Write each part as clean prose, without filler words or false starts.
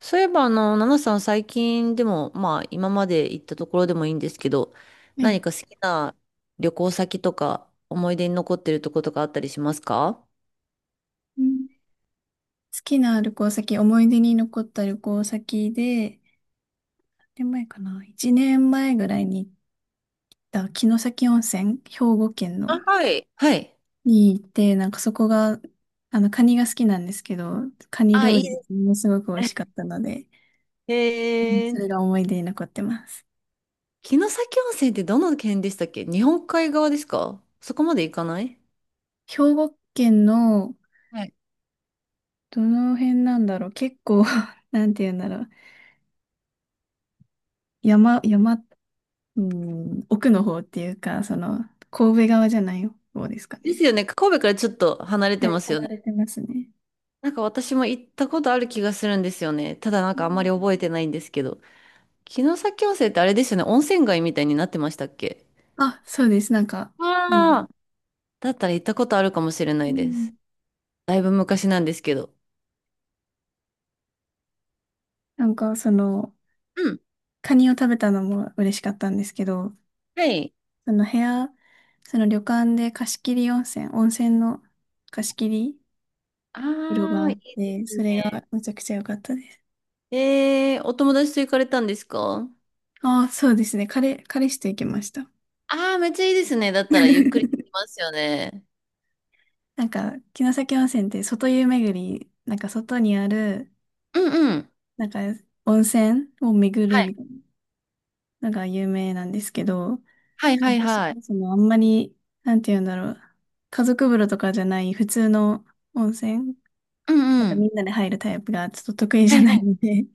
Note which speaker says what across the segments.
Speaker 1: そういえば、ナナさん最近でも、まあ、今まで行ったところでもいいんですけど、
Speaker 2: は
Speaker 1: 何
Speaker 2: い。
Speaker 1: か好きな旅行先とか、思い出に残ってるとことかあったりしますか？
Speaker 2: うん好きな旅行先、思い出に残った旅行先で、何年前かな？ 1 年前ぐらいに行った城崎温泉、兵庫県
Speaker 1: あ、
Speaker 2: の、
Speaker 1: はい。はい。
Speaker 2: に行って、そこが、カニが好きなんですけど、カニ
Speaker 1: あ、
Speaker 2: 料
Speaker 1: いい
Speaker 2: 理
Speaker 1: で
Speaker 2: がも
Speaker 1: す
Speaker 2: のすごく美味しかっ
Speaker 1: ね。
Speaker 2: たので、うん
Speaker 1: え
Speaker 2: そ
Speaker 1: ー、
Speaker 2: れが思い出に残ってます。
Speaker 1: 城崎温泉ってどの県でしたっけ？日本海側ですか？そこまで行かない。
Speaker 2: 兵庫県の、
Speaker 1: はい。
Speaker 2: どの辺なんだろう。結構 なんて言うんだろう。山、うん、奥の方っていうか、その、神戸側じゃない方ですか
Speaker 1: で
Speaker 2: ね。
Speaker 1: すよね。神戸からちょっと離れ
Speaker 2: は
Speaker 1: てま
Speaker 2: い、
Speaker 1: すよ
Speaker 2: 離
Speaker 1: ね。
Speaker 2: れてますね。
Speaker 1: なんか私も行ったことある気がするんですよね。ただなん
Speaker 2: う
Speaker 1: かあんま
Speaker 2: ん。
Speaker 1: り覚えてないんですけど。城崎温泉ってあれですよね。温泉街みたいになってましたっけ？
Speaker 2: あ、そうです。なんか、うん。
Speaker 1: ああ、だったら行ったことあるかもしれな
Speaker 2: う
Speaker 1: いで
Speaker 2: ん。
Speaker 1: す。だいぶ昔なんですけど。
Speaker 2: なんかその、
Speaker 1: うん。
Speaker 2: カニを食べたのも嬉しかったんですけど、
Speaker 1: はい。
Speaker 2: その部屋、その旅館で貸し切り温泉、温泉の貸し切り
Speaker 1: あ
Speaker 2: 風呂があ
Speaker 1: あ、
Speaker 2: っ
Speaker 1: いいで
Speaker 2: て、
Speaker 1: す
Speaker 2: それ
Speaker 1: ね。
Speaker 2: がめちゃくちゃ良かったです。
Speaker 1: お友達と行かれたんですか？
Speaker 2: ああ、そうですね。彼氏と行きました。
Speaker 1: ああー、めっちゃいいですね。だったらゆっくりで きますよね。
Speaker 2: なんか、城崎温泉って外湯巡り、なんか外にある、
Speaker 1: うんうん。
Speaker 2: なんか温泉を巡
Speaker 1: は
Speaker 2: るみ
Speaker 1: い。
Speaker 2: たいなのが有名なんですけど、
Speaker 1: はいはい
Speaker 2: 私
Speaker 1: はい。
Speaker 2: はそのあんまり、なんて言うんだろう。家族風呂とかじゃない普通の温泉、
Speaker 1: うん
Speaker 2: なん
Speaker 1: う
Speaker 2: か
Speaker 1: ん。
Speaker 2: みんなで入るタイプがちょっと得意じ
Speaker 1: は
Speaker 2: ゃ
Speaker 1: い
Speaker 2: な
Speaker 1: は
Speaker 2: い
Speaker 1: い。
Speaker 2: ので、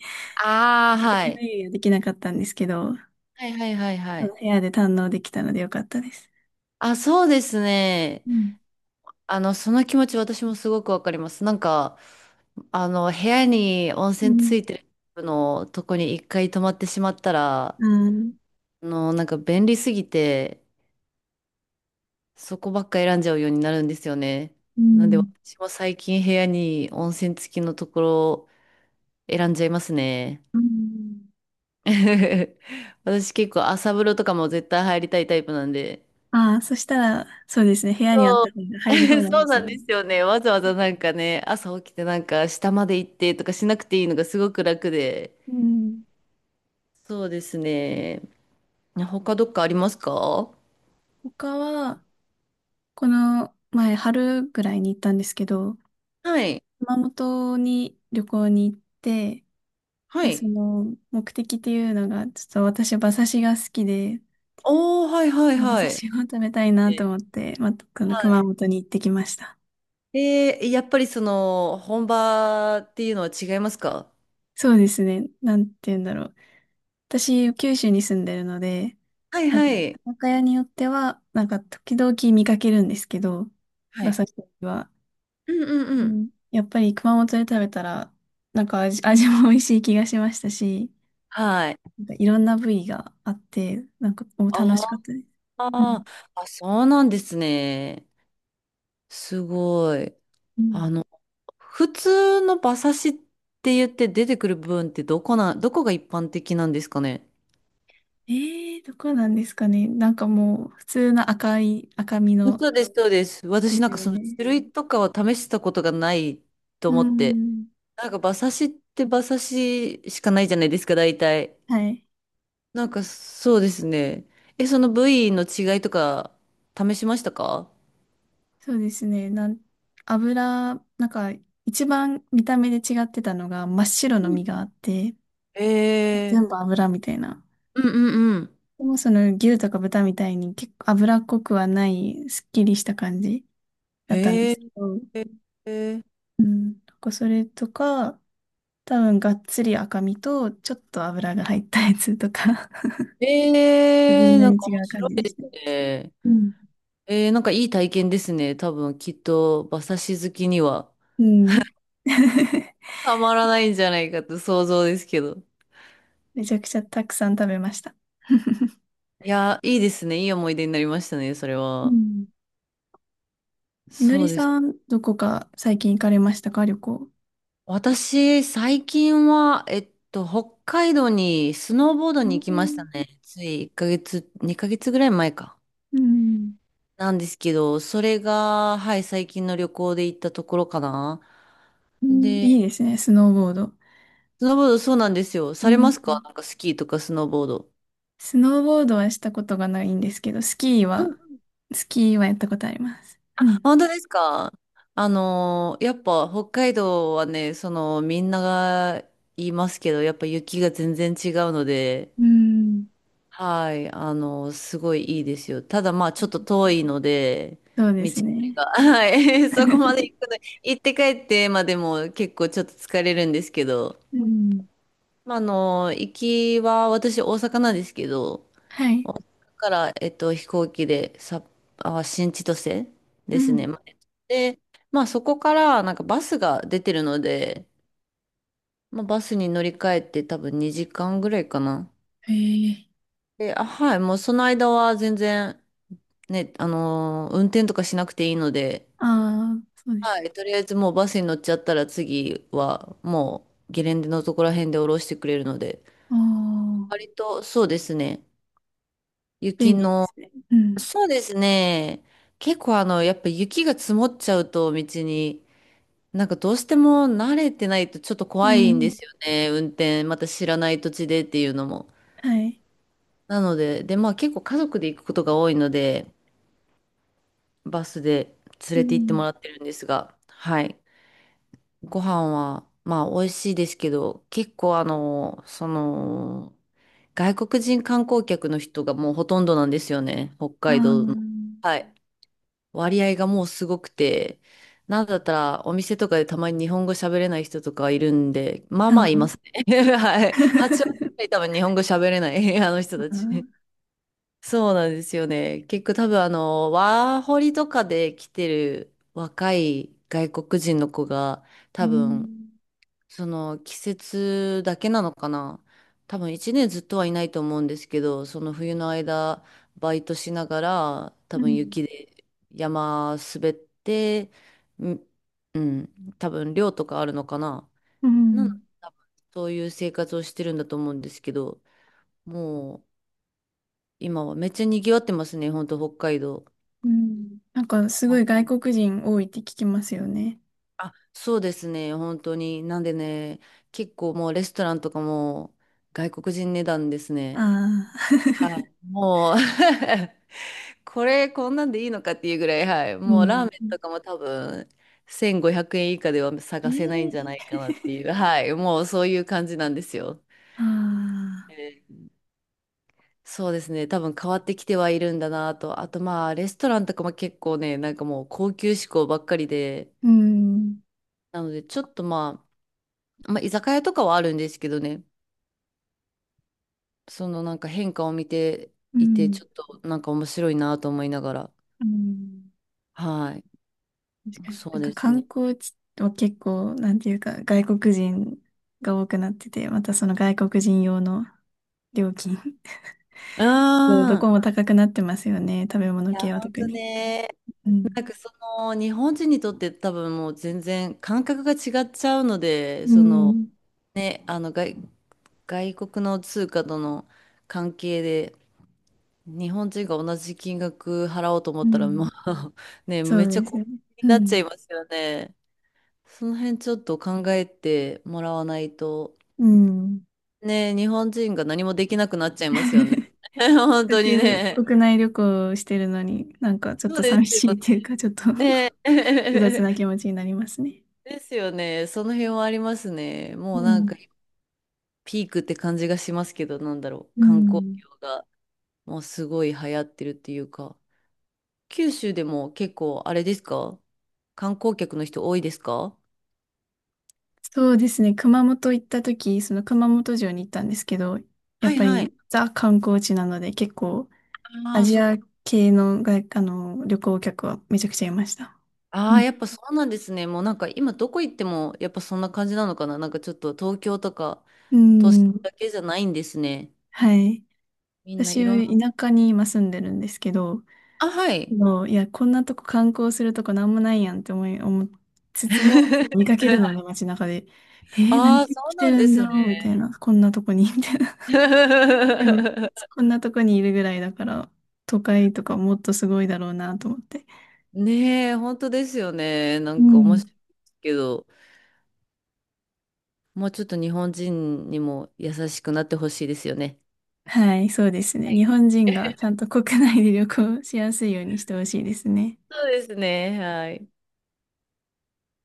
Speaker 1: あ あ、
Speaker 2: 一
Speaker 1: は
Speaker 2: 人
Speaker 1: い。
Speaker 2: 目はできなかったんですけど、
Speaker 1: はいはいはいは
Speaker 2: その
Speaker 1: い。
Speaker 2: 部屋で堪能できたのでよかったです。
Speaker 1: あ、そうですね。
Speaker 2: うん。
Speaker 1: その気持ち私もすごくわかります。なんか、部屋に温
Speaker 2: う
Speaker 1: 泉つ
Speaker 2: ん。
Speaker 1: いてるのとこに一回泊まってしまったら、
Speaker 2: あー。
Speaker 1: なんか便利すぎて、そこばっか選んじゃうようになるんですよね。
Speaker 2: う
Speaker 1: なんで
Speaker 2: ん
Speaker 1: 私も最近部屋に温泉付きのところを選んじゃいますね。
Speaker 2: うん。
Speaker 1: 私結構朝風呂とかも絶対入りたいタイプなんで。
Speaker 2: ああ、そしたら、そうですね。部屋にあっ
Speaker 1: そう、
Speaker 2: た方が入り放 題
Speaker 1: そ
Speaker 2: で
Speaker 1: う
Speaker 2: す
Speaker 1: な
Speaker 2: ね。
Speaker 1: んですよね。わざわざなんかね、朝起きてなんか下まで行ってとかしなくていいのがすごく楽で。
Speaker 2: うん。
Speaker 1: そうですね。他どっかありますか？
Speaker 2: 他は、この前、春ぐらいに行ったんですけど、
Speaker 1: はい。
Speaker 2: 熊本に旅行に行って、
Speaker 1: は
Speaker 2: で、そ
Speaker 1: い。
Speaker 2: の目的っていうのが、ちょっと私馬刺しが好きで、
Speaker 1: おー、はいはい
Speaker 2: 馬
Speaker 1: はい。
Speaker 2: 刺しを食べたいなと
Speaker 1: ね。
Speaker 2: 思って、また、この
Speaker 1: は
Speaker 2: 熊
Speaker 1: い。
Speaker 2: 本に行ってきました。
Speaker 1: で、やっぱりその本場っていうのは違いますか？
Speaker 2: そうですね。なんて言うんだろう。私、九州に住んでるので、
Speaker 1: はい
Speaker 2: なん
Speaker 1: は
Speaker 2: か、居
Speaker 1: い。
Speaker 2: 酒屋によっては、なんか、時々見かけるんですけど、
Speaker 1: は
Speaker 2: 馬
Speaker 1: い。
Speaker 2: 刺しは。
Speaker 1: うんうん
Speaker 2: う
Speaker 1: うん。
Speaker 2: ん、やっぱり熊本で食べたら、なんか味も美味しい気がしましたし、
Speaker 1: はい。
Speaker 2: なんかいろんな部位があって、なんか、お楽しかっ
Speaker 1: あ
Speaker 2: たです。う
Speaker 1: ー
Speaker 2: ん
Speaker 1: あ、そうなんですね。すごい。
Speaker 2: うん。
Speaker 1: あの、普通の馬刺しって言って出てくる部分ってどこが一般的なんですかね。
Speaker 2: ええー、どこなんですかね。なんかもう、普通の赤い、赤身の
Speaker 1: そうです、そうです。
Speaker 2: で
Speaker 1: 私
Speaker 2: す
Speaker 1: なんか
Speaker 2: よ
Speaker 1: その
Speaker 2: ね。
Speaker 1: 種類とかは試したことがないと
Speaker 2: う
Speaker 1: 思って。
Speaker 2: ん。
Speaker 1: なんか馬刺しって馬刺ししかないじゃないですか、大体。
Speaker 2: はい。
Speaker 1: なんかそうですね。え、その部位の違いとか試しましたか？
Speaker 2: そうですね。油、なんか、一番見た目で違ってたのが、真っ白
Speaker 1: う
Speaker 2: の
Speaker 1: ん。
Speaker 2: 身があって、
Speaker 1: え
Speaker 2: 全部油みたいな。
Speaker 1: うんうんうん。
Speaker 2: でもその牛とか豚みたいに結構脂っこくはない、すっきりした感じだったんで
Speaker 1: へ
Speaker 2: す
Speaker 1: え、
Speaker 2: けど、
Speaker 1: へえ、
Speaker 2: うん。なんかそれとか、多分がっつり赤身と、ちょっと油が入ったやつとか、微
Speaker 1: へー
Speaker 2: 妙
Speaker 1: なん
Speaker 2: に
Speaker 1: か
Speaker 2: 違
Speaker 1: 面
Speaker 2: う感
Speaker 1: 白
Speaker 2: じ
Speaker 1: い
Speaker 2: で
Speaker 1: で
Speaker 2: し
Speaker 1: す
Speaker 2: たね。
Speaker 1: ね。
Speaker 2: うん。
Speaker 1: なんかいい体験ですね。多分きっと馬刺し好きには
Speaker 2: うん。
Speaker 1: たまらないんじゃないかと想像ですけど。
Speaker 2: めちゃくちゃたくさん食べました。
Speaker 1: いやー、いいですね。いい思い出になりましたね、それ
Speaker 2: う
Speaker 1: は。
Speaker 2: ん。みの
Speaker 1: そ
Speaker 2: り
Speaker 1: うです。
Speaker 2: さん、どこか最近行かれましたか、旅行。
Speaker 1: 私、最近は、北海道にスノーボード
Speaker 2: う
Speaker 1: に行きまし
Speaker 2: ん
Speaker 1: たね。つい1ヶ月、2ヶ月ぐらい前か。
Speaker 2: うん。
Speaker 1: なんですけど、それが、はい、最近の旅行で行ったところかな。
Speaker 2: うん、い
Speaker 1: で、
Speaker 2: いですね、スノーボード。
Speaker 1: スノーボードそうなんですよ。
Speaker 2: う
Speaker 1: されま
Speaker 2: ん。
Speaker 1: すか？なんかスキーとかスノーボード。
Speaker 2: スノーボードはしたことがないんですけど、スキーはやったことあります。うん。
Speaker 1: 本当ですか？やっぱ北海道はね、そのみんなが言いますけど、やっぱ雪が全然違うので、
Speaker 2: うん。
Speaker 1: はい、すごいいいですよ。ただまあちょっと遠いので、
Speaker 2: そうで
Speaker 1: 道
Speaker 2: す
Speaker 1: のり
Speaker 2: ね。
Speaker 1: が、はい、そこまで 行くの、行って帰ってまでも結構ちょっと疲れるんですけど、
Speaker 2: うん。
Speaker 1: まあ行きは私大阪なんですけど、
Speaker 2: はい。
Speaker 1: 大阪から、飛行機でさ、あ、新千歳
Speaker 2: う
Speaker 1: ですね。
Speaker 2: ん。
Speaker 1: まで、まあそこからなんかバスが出てるので、まあ、バスに乗り換えて多分2時間ぐらいかな。
Speaker 2: へえ。
Speaker 1: で、あ、はい、もうその間は全然ね、運転とかしなくていいので、
Speaker 2: ああ、そうです。
Speaker 1: はい、とりあえずもうバスに乗っちゃったら次はもうゲレンデのところら辺で降ろしてくれるので、
Speaker 2: あ、
Speaker 1: 割とそうですね、
Speaker 2: 便
Speaker 1: 雪
Speaker 2: 利で
Speaker 1: の
Speaker 2: すね。うん。
Speaker 1: そうですね。結構やっぱ雪が積もっちゃうと道に、なんかどうしても慣れてないとちょっと
Speaker 2: う
Speaker 1: 怖いんで
Speaker 2: ん。
Speaker 1: すよね。運転、また知らない土地でっていうのも。
Speaker 2: はい。
Speaker 1: なので、で、まあ結構家族で行くことが多いので、バスで連
Speaker 2: う
Speaker 1: れて行っても
Speaker 2: ん。
Speaker 1: らってるんですが、はい。ご飯は、まあ美味しいですけど、結構外国人観光客の人がもうほとんどなんですよね。北海道の。
Speaker 2: あ
Speaker 1: はい。割合がもうすごくて、なんだったらお店とかでたまに日本語喋れない人とかいるんで、まあま
Speaker 2: あ
Speaker 1: あいま
Speaker 2: ー。
Speaker 1: すね。はい。8割くらい 多分日本語喋れない あの人
Speaker 2: あ
Speaker 1: たち。
Speaker 2: あ。
Speaker 1: そうなんですよね。結構多分ワーホリとかで来てる若い外国人の子が
Speaker 2: う
Speaker 1: 多分
Speaker 2: ん。
Speaker 1: その季節だけなのかな。多分一年ずっとはいないと思うんですけど、その冬の間、バイトしながら、多
Speaker 2: う
Speaker 1: 分
Speaker 2: ん。
Speaker 1: 雪で山滑って、ん、うん、多分寮とかあるのかな。
Speaker 2: う
Speaker 1: なので、
Speaker 2: ん。
Speaker 1: 多分そういう生活をしてるんだと思うんですけど、もう今はめっちゃ賑わってますね、本当北海道。
Speaker 2: うん、なんかすご
Speaker 1: あ
Speaker 2: い外国人多いって聞きますよね。
Speaker 1: あ、そうですね、本当に。なんでね、結構もうレストランとかも外国人値段ですね。
Speaker 2: ああ。
Speaker 1: はい、もう これこんなんでいいのかっていうぐらい、はい、
Speaker 2: う
Speaker 1: もうラーメンと
Speaker 2: ん。
Speaker 1: かも多分1500円以下では探せないんじゃない
Speaker 2: ええ。
Speaker 1: かなっていう、はい、もうそういう感じなんですよ。
Speaker 2: ああ。
Speaker 1: えーそうですね、多分変わってきてはいるんだなと、あとまあレストランとかも結構ね、なんかもう高級志向ばっかりで、
Speaker 2: うん。
Speaker 1: なのでちょっとまあ、居酒屋とかはあるんですけどね、そのなんか変化を見て
Speaker 2: う
Speaker 1: いて、
Speaker 2: ん。
Speaker 1: ちょっとなんか面白いなと思いながら、
Speaker 2: うん。
Speaker 1: はい、
Speaker 2: 確かに。
Speaker 1: そ
Speaker 2: な
Speaker 1: う
Speaker 2: んか
Speaker 1: です
Speaker 2: 観
Speaker 1: ね。
Speaker 2: 光地は結構、なんていうか、外国人が多くなってて、またその外国人用の料金、
Speaker 1: う ん。
Speaker 2: どこも高くなってますよね。食べ
Speaker 1: い
Speaker 2: 物
Speaker 1: や、
Speaker 2: 系は
Speaker 1: ほん
Speaker 2: 特
Speaker 1: と
Speaker 2: に。
Speaker 1: ね。
Speaker 2: うん。
Speaker 1: なんかその日本人にとって多分もう全然感覚が違っちゃうので
Speaker 2: う
Speaker 1: その
Speaker 2: ん。
Speaker 1: ね外国の通貨との関係で日本人が同じ金額払おうと思
Speaker 2: う
Speaker 1: ったらも
Speaker 2: ん。
Speaker 1: う ね
Speaker 2: そ
Speaker 1: めっ
Speaker 2: う
Speaker 1: ちゃ
Speaker 2: です
Speaker 1: 高
Speaker 2: よね。
Speaker 1: 額に
Speaker 2: う
Speaker 1: なっちゃ
Speaker 2: ん。
Speaker 1: いますよね。その辺ちょっと考えてもらわないと
Speaker 2: うん。
Speaker 1: ね日本人が何もできなくなっちゃいますよね。本
Speaker 2: せっか
Speaker 1: 当に
Speaker 2: く
Speaker 1: ね。
Speaker 2: 国内旅行をしてるのに、なんかちょっ
Speaker 1: そう
Speaker 2: と
Speaker 1: です
Speaker 2: 寂しい
Speaker 1: よ
Speaker 2: っていうか、ちょっと 複
Speaker 1: ね。ね。
Speaker 2: 雑な気 持ちになりますね。
Speaker 1: ですよね。その辺はありますね。
Speaker 2: う
Speaker 1: もうなんか
Speaker 2: ん。
Speaker 1: ピークって感じがしますけど、なんだろう。
Speaker 2: う
Speaker 1: 観光
Speaker 2: ん。
Speaker 1: 業がもうすごい流行ってるっていうか。九州でも結構あれですか？観光客の人多いですか？
Speaker 2: そうですね。熊本行った時、その熊本城に行ったんですけど、や
Speaker 1: は
Speaker 2: っ
Speaker 1: い
Speaker 2: ぱ
Speaker 1: はい。
Speaker 2: りザ観光地なので、結構
Speaker 1: あ
Speaker 2: ア
Speaker 1: あ、
Speaker 2: ジ
Speaker 1: そっ
Speaker 2: ア
Speaker 1: か。
Speaker 2: 系の外、あの、旅行客はめちゃくちゃいました。
Speaker 1: あ
Speaker 2: う
Speaker 1: あ、
Speaker 2: ん。
Speaker 1: やっぱそうなんですね。もうなんか今どこ行ってもやっぱそんな感じなのかな。なんかちょっと東京とか
Speaker 2: う
Speaker 1: 都市
Speaker 2: ん。
Speaker 1: だけじゃないんですね。
Speaker 2: はい。
Speaker 1: みんないろんな。
Speaker 2: 私、田舎に今住んでるんですけど、
Speaker 1: あ、はい。
Speaker 2: もういや、こんなとこ観光するとこなんもないやんって思いつつも、見かけるの で、街中で。えー、何
Speaker 1: ああ、そう
Speaker 2: 来て
Speaker 1: なん
Speaker 2: る
Speaker 1: で
Speaker 2: ん
Speaker 1: す
Speaker 2: だろうみたい
Speaker 1: ね。
Speaker 2: な。こんなとこに、みたいな。でも、こんなとこにいるぐらいだから、都会とかもっとすごいだろうなと思って。
Speaker 1: ねえ、本当ですよね。な
Speaker 2: う
Speaker 1: んか面
Speaker 2: ん。
Speaker 1: 白いですけど、もうちょっと日本人にも優しくなってほしいですよね。
Speaker 2: はい、そうですね。
Speaker 1: は
Speaker 2: 日
Speaker 1: い。
Speaker 2: 本人がち ゃんと国内で旅行しやすいようにしてほしいですね。
Speaker 1: そうですね。はい。